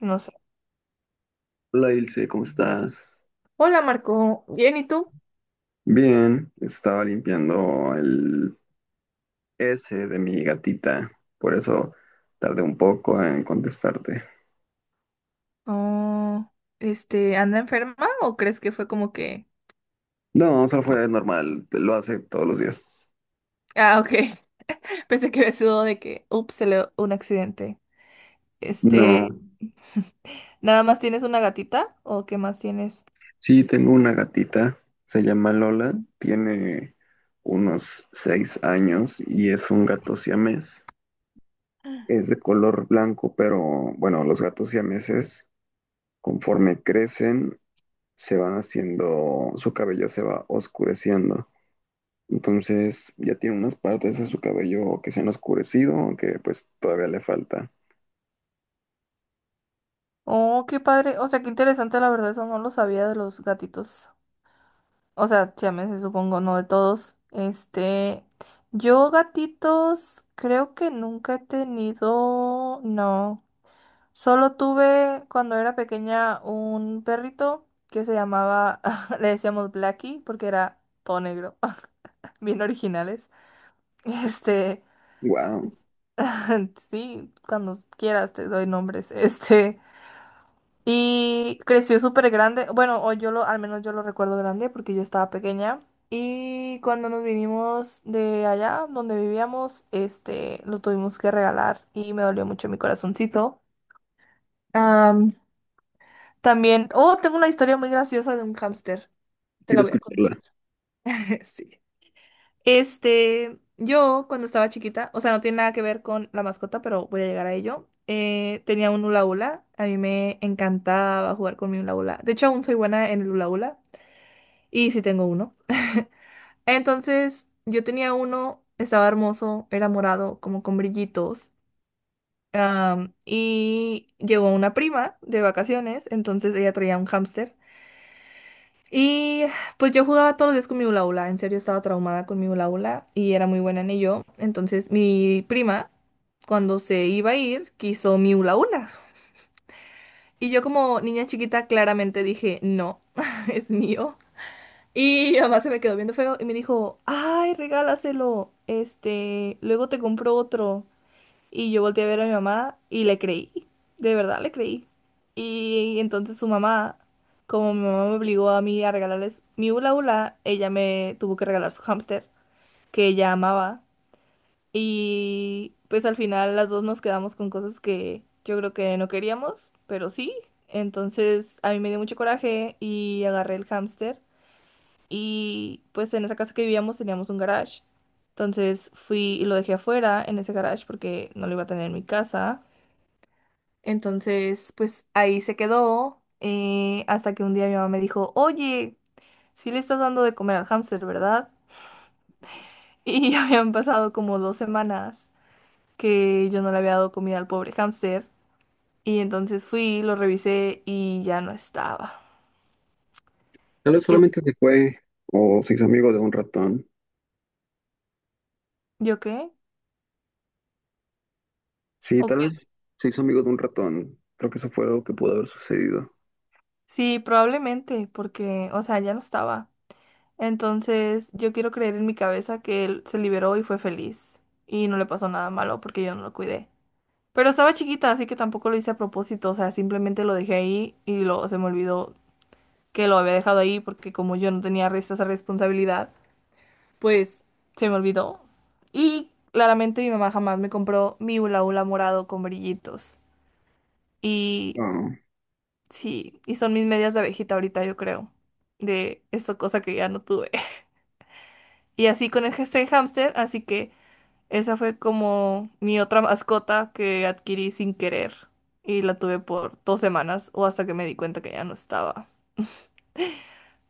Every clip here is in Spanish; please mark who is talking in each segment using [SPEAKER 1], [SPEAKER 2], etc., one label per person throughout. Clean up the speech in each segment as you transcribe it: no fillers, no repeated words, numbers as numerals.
[SPEAKER 1] No sé.
[SPEAKER 2] Hola Ilse, ¿cómo estás?
[SPEAKER 1] Hola Marco, bien, ¿y tú?
[SPEAKER 2] Bien, estaba limpiando el S de mi gatita, por eso tardé un poco en contestarte.
[SPEAKER 1] Oh, ¿anda enferma o crees que fue como que...
[SPEAKER 2] No, solo fue normal, lo hace todos los días.
[SPEAKER 1] Ah, ok. Pensé que me sudó de que, ups, se le un accidente. Este,
[SPEAKER 2] No,
[SPEAKER 1] ¿nada más tienes una gatita o qué más tienes?
[SPEAKER 2] sí, tengo una gatita, se llama Lola, tiene unos 6 años y es un gato siamés. Es de color blanco, pero bueno, los gatos siameses, conforme crecen, se van haciendo, su cabello se va oscureciendo. Entonces ya tiene unas partes de su cabello que se han oscurecido, que pues todavía le falta.
[SPEAKER 1] Oh, qué padre. O sea, qué interesante, la verdad, eso no lo sabía de los gatitos. O sea, siameses, supongo, no de todos. Este, yo gatitos creo que nunca he tenido, no. Solo tuve cuando era pequeña un perrito que se llamaba, le decíamos Blackie porque era todo negro, bien originales. Este,
[SPEAKER 2] Wow,
[SPEAKER 1] sí, cuando quieras te doy nombres. Este, y creció súper grande, bueno, o yo lo, al menos yo lo recuerdo grande porque yo estaba pequeña. Y cuando nos vinimos de allá donde vivíamos, este, lo tuvimos que regalar y me dolió mucho mi corazoncito. También, oh, tengo una historia muy graciosa de un hámster. Te la
[SPEAKER 2] quiero
[SPEAKER 1] voy a
[SPEAKER 2] escucharla.
[SPEAKER 1] contar. Sí. Este, yo cuando estaba chiquita, o sea, no tiene nada que ver con la mascota, pero voy a llegar a ello. Tenía un hula hula. A mí me encantaba jugar con mi hula hula. De hecho, aún soy buena en el hula hula. Y sí tengo uno. Entonces, yo tenía uno, estaba hermoso, era morado, como con brillitos. Y llegó una prima de vacaciones, entonces ella traía un hámster. Y pues yo jugaba todos los días con mi hula hula, en serio estaba traumada con mi hula hula y era muy buena en ello. Entonces mi prima, cuando se iba a ir, quiso mi hula hula. Y yo como niña chiquita claramente dije, no, es mío. Y mi mamá se me quedó viendo feo y me dijo, ay, regálaselo, este, luego te compro otro. Y yo volteé a ver a mi mamá y le creí, de verdad le creí. Y entonces su mamá, como mi mamá me obligó a mí a regalarles mi hula hula, ella me tuvo que regalar su hámster, que ella amaba. Y pues al final las dos nos quedamos con cosas que yo creo que no queríamos, pero sí. Entonces a mí me dio mucho coraje y agarré el hámster. Y pues en esa casa que vivíamos teníamos un garage. Entonces fui y lo dejé afuera en ese garage porque no lo iba a tener en mi casa. Entonces, pues ahí se quedó hasta que un día mi mamá me dijo, oye, sí le estás dando de comer al hámster, ¿verdad? Y habían pasado como 2 semanas que yo no le había dado comida al pobre hámster. Y entonces fui, lo revisé y ya no estaba.
[SPEAKER 2] Tal vez
[SPEAKER 1] El,
[SPEAKER 2] solamente se fue o se hizo amigo de un ratón.
[SPEAKER 1] ¿yo qué?
[SPEAKER 2] Sí,
[SPEAKER 1] ¿O
[SPEAKER 2] tal
[SPEAKER 1] qué?
[SPEAKER 2] vez se hizo amigo de un ratón. Creo que eso fue algo que pudo haber sucedido.
[SPEAKER 1] Sí, probablemente, porque, o sea, ya no estaba. Entonces, yo quiero creer en mi cabeza que él se liberó y fue feliz. Y no le pasó nada malo porque yo no lo cuidé. Pero estaba chiquita, así que tampoco lo hice a propósito, o sea, simplemente lo dejé ahí y lo, se me olvidó que lo había dejado ahí porque como yo no tenía esa responsabilidad, pues se me olvidó. Y claramente mi mamá jamás me compró mi hula hula morado con brillitos. Y
[SPEAKER 2] Ah,
[SPEAKER 1] sí, y son mis medias de abejita ahorita, yo creo, de esa cosa que ya no tuve. Y así con ese hámster, así que... Esa fue como mi otra mascota que adquirí sin querer y la tuve por 2 semanas o hasta que me di cuenta que ya no estaba.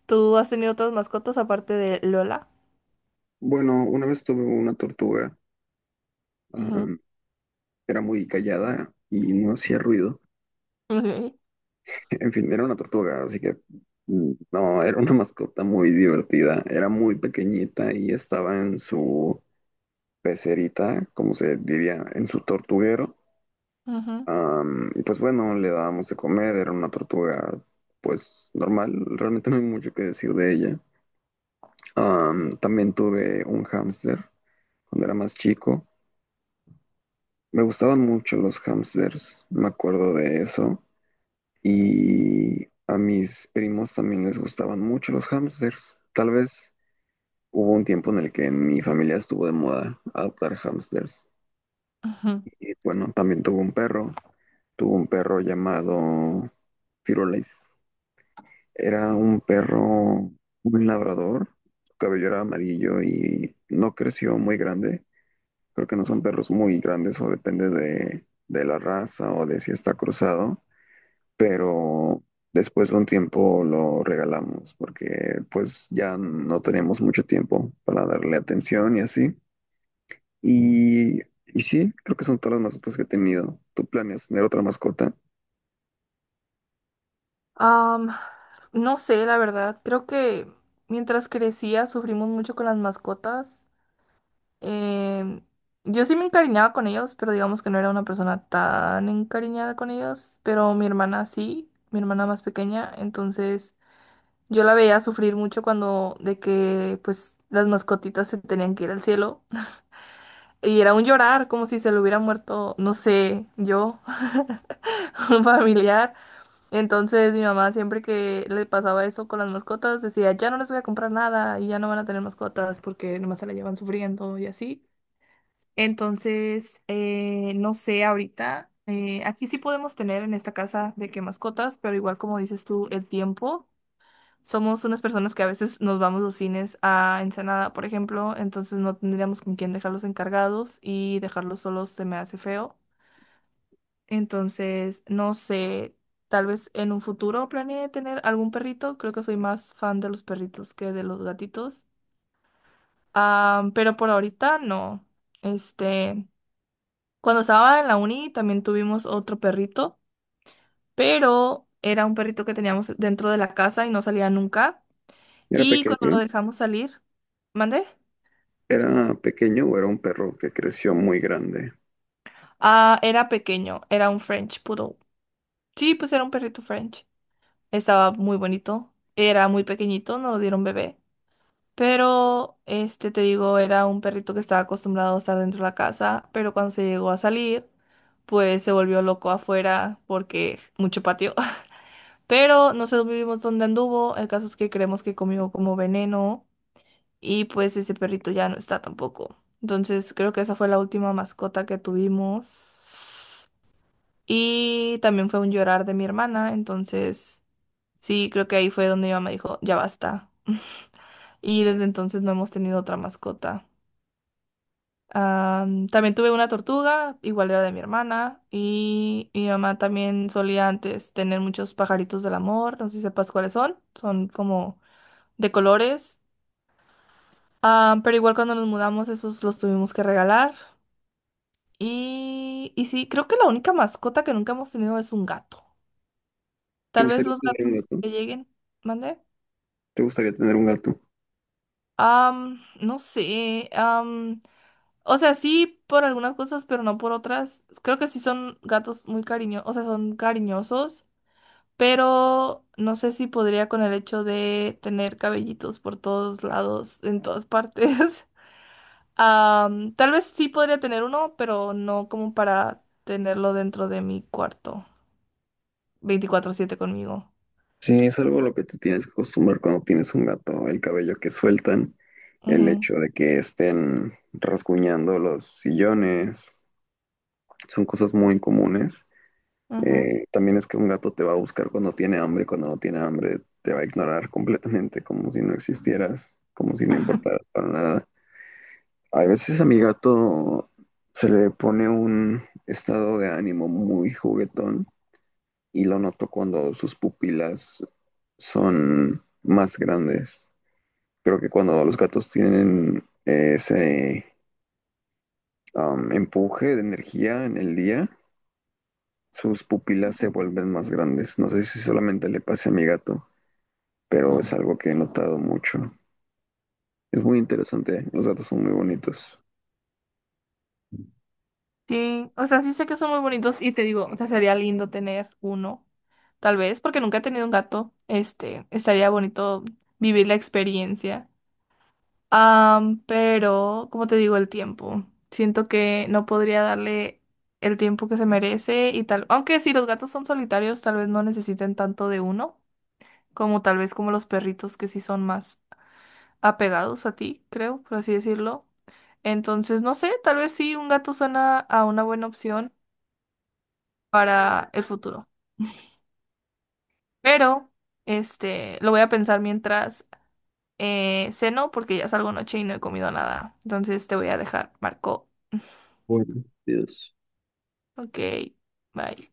[SPEAKER 1] ¿Tú has tenido otras mascotas aparte de Lola?
[SPEAKER 2] bueno, una vez tuve una tortuga. ah,
[SPEAKER 1] Ujú,
[SPEAKER 2] Era muy callada y no hacía ruido.
[SPEAKER 1] ok,
[SPEAKER 2] En fin, era una tortuga, así que no, era una mascota muy divertida. Era muy pequeñita y estaba en su pecerita, como se diría, en su tortuguero.
[SPEAKER 1] ujú,
[SPEAKER 2] Y pues bueno, le dábamos de comer, era una tortuga pues normal, realmente no hay mucho que decir de ella. También tuve un hámster cuando era más chico. Me gustaban mucho los hámsters, me acuerdo de eso. Y a mis primos también les gustaban mucho los hámsters. Tal vez hubo un tiempo en el que en mi familia estuvo de moda adoptar hámsters.
[SPEAKER 1] ujú.
[SPEAKER 2] Y bueno, también tuvo un perro. Tuvo un perro llamado Firulais. Era un perro, un labrador. Su cabello era amarillo y no creció muy grande. Creo que no son perros muy grandes o depende de la raza o de si está cruzado. Pero después de un tiempo lo regalamos porque pues ya no teníamos mucho tiempo para darle atención y así. Y, y sí, creo que son todas las mascotas que he tenido. ¿Tú planeas tener otra mascota?
[SPEAKER 1] Am, no sé, la verdad. Creo que mientras crecía sufrimos mucho con las mascotas. Em, yo sí me encariñaba con ellos, pero digamos que no era una persona tan encariñada con ellos. Pero mi hermana sí, mi hermana más pequeña, entonces... Yo la veía sufrir mucho cuando de que pues las mascotitas se tenían que ir al cielo y era un llorar como si se le hubiera muerto, no sé, yo, un familiar. Entonces mi mamá siempre que le pasaba eso con las mascotas decía, ya no les voy a comprar nada y ya no van a tener mascotas porque nomás se la llevan sufriendo y así. Entonces, no sé, ahorita aquí sí podemos tener en esta casa de que mascotas, pero igual como dices tú, el tiempo. Somos unas personas que a veces nos vamos los fines a Ensenada, por ejemplo, entonces no tendríamos con quién dejarlos encargados y dejarlos solos se me hace feo. Entonces, no sé, tal vez en un futuro planeé tener algún perrito. Creo que soy más fan de los perritos que de los gatitos. Ah, pero por ahorita no. Este, cuando estaba en la uni también tuvimos otro perrito, pero era un perrito que teníamos dentro de la casa y no salía nunca.
[SPEAKER 2] ¿Era
[SPEAKER 1] Y cuando
[SPEAKER 2] pequeño?
[SPEAKER 1] lo dejamos salir, ¿mandé?
[SPEAKER 2] ¿Era pequeño o era un perro que creció muy grande?
[SPEAKER 1] Ah, era pequeño, era un French Poodle. Sí, pues era un perrito French. Estaba muy bonito. Era muy pequeñito, no lo dieron bebé. Pero, este, te digo, era un perrito que estaba acostumbrado a estar dentro de la casa, pero cuando se llegó a salir, pues se volvió loco afuera porque mucho patio. Pero no sabemos dónde anduvo. El caso es que creemos que comió como veneno y pues ese perrito ya no está tampoco. Entonces, creo que esa fue la última mascota que tuvimos. Y también fue un llorar de mi hermana, entonces sí, creo que ahí fue donde mi mamá dijo, ya basta. Y desde entonces no hemos tenido otra mascota. Am, también tuve una tortuga, igual era de mi hermana, y mi mamá también solía antes tener muchos pajaritos del amor, no sé si sepas cuáles son, son como de colores. Pero igual cuando nos mudamos esos los tuvimos que regalar. Y sí, creo que la única mascota que nunca hemos tenido es un gato.
[SPEAKER 2] ¿Te
[SPEAKER 1] Tal vez
[SPEAKER 2] gustaría
[SPEAKER 1] los
[SPEAKER 2] tener un
[SPEAKER 1] gatos
[SPEAKER 2] gato?
[SPEAKER 1] que lleguen, ¿mande?
[SPEAKER 2] ¿Te gustaría tener un gato?
[SPEAKER 1] No sé. O sea, sí por algunas cosas, pero no por otras. Creo que sí son gatos muy cariñosos, o sea, son cariñosos, pero no sé si podría con el hecho de tener cabellitos por todos lados, en todas partes. Am, tal vez sí podría tener uno, pero no como para tenerlo dentro de mi cuarto, 24/7 conmigo.
[SPEAKER 2] Sí, es algo a lo que te tienes que acostumbrar cuando tienes un gato, el cabello que sueltan, el
[SPEAKER 1] Ujú,
[SPEAKER 2] hecho de que estén rasguñando los sillones, son cosas muy comunes.
[SPEAKER 1] ujú,
[SPEAKER 2] También es que un gato te va a buscar cuando tiene hambre, cuando no tiene hambre te va a ignorar completamente, como si no existieras, como si no importaras para nada. A veces a mi gato se le pone un estado de ánimo muy juguetón y lo noto cuando sus pupilas son más grandes. Creo que cuando los gatos tienen ese empuje de energía en el día, sus pupilas se
[SPEAKER 1] ujú.
[SPEAKER 2] vuelven más grandes. No sé si solamente le pase a mi gato, pero es algo que he notado mucho. Es muy interesante, los datos son muy bonitos.
[SPEAKER 1] Sí, o sea, sí sé que son muy bonitos y te digo, o sea, sería lindo tener uno, tal vez, porque nunca he tenido un gato, este, estaría bonito vivir la experiencia. Pero, como te digo, el tiempo, siento que no podría darle el tiempo que se merece y tal, aunque si los gatos son solitarios, tal vez no necesiten tanto de uno, como tal vez como los perritos que sí son más apegados a ti, creo, por así decirlo. Entonces, no sé, tal vez sí, un gato suena a una buena opción para el futuro. Pero, este, lo voy a pensar mientras ceno, porque ya salgo noche y no he comido nada. Entonces te voy a dejar, Marco.
[SPEAKER 2] Bueno, Dios.
[SPEAKER 1] Ok, bye.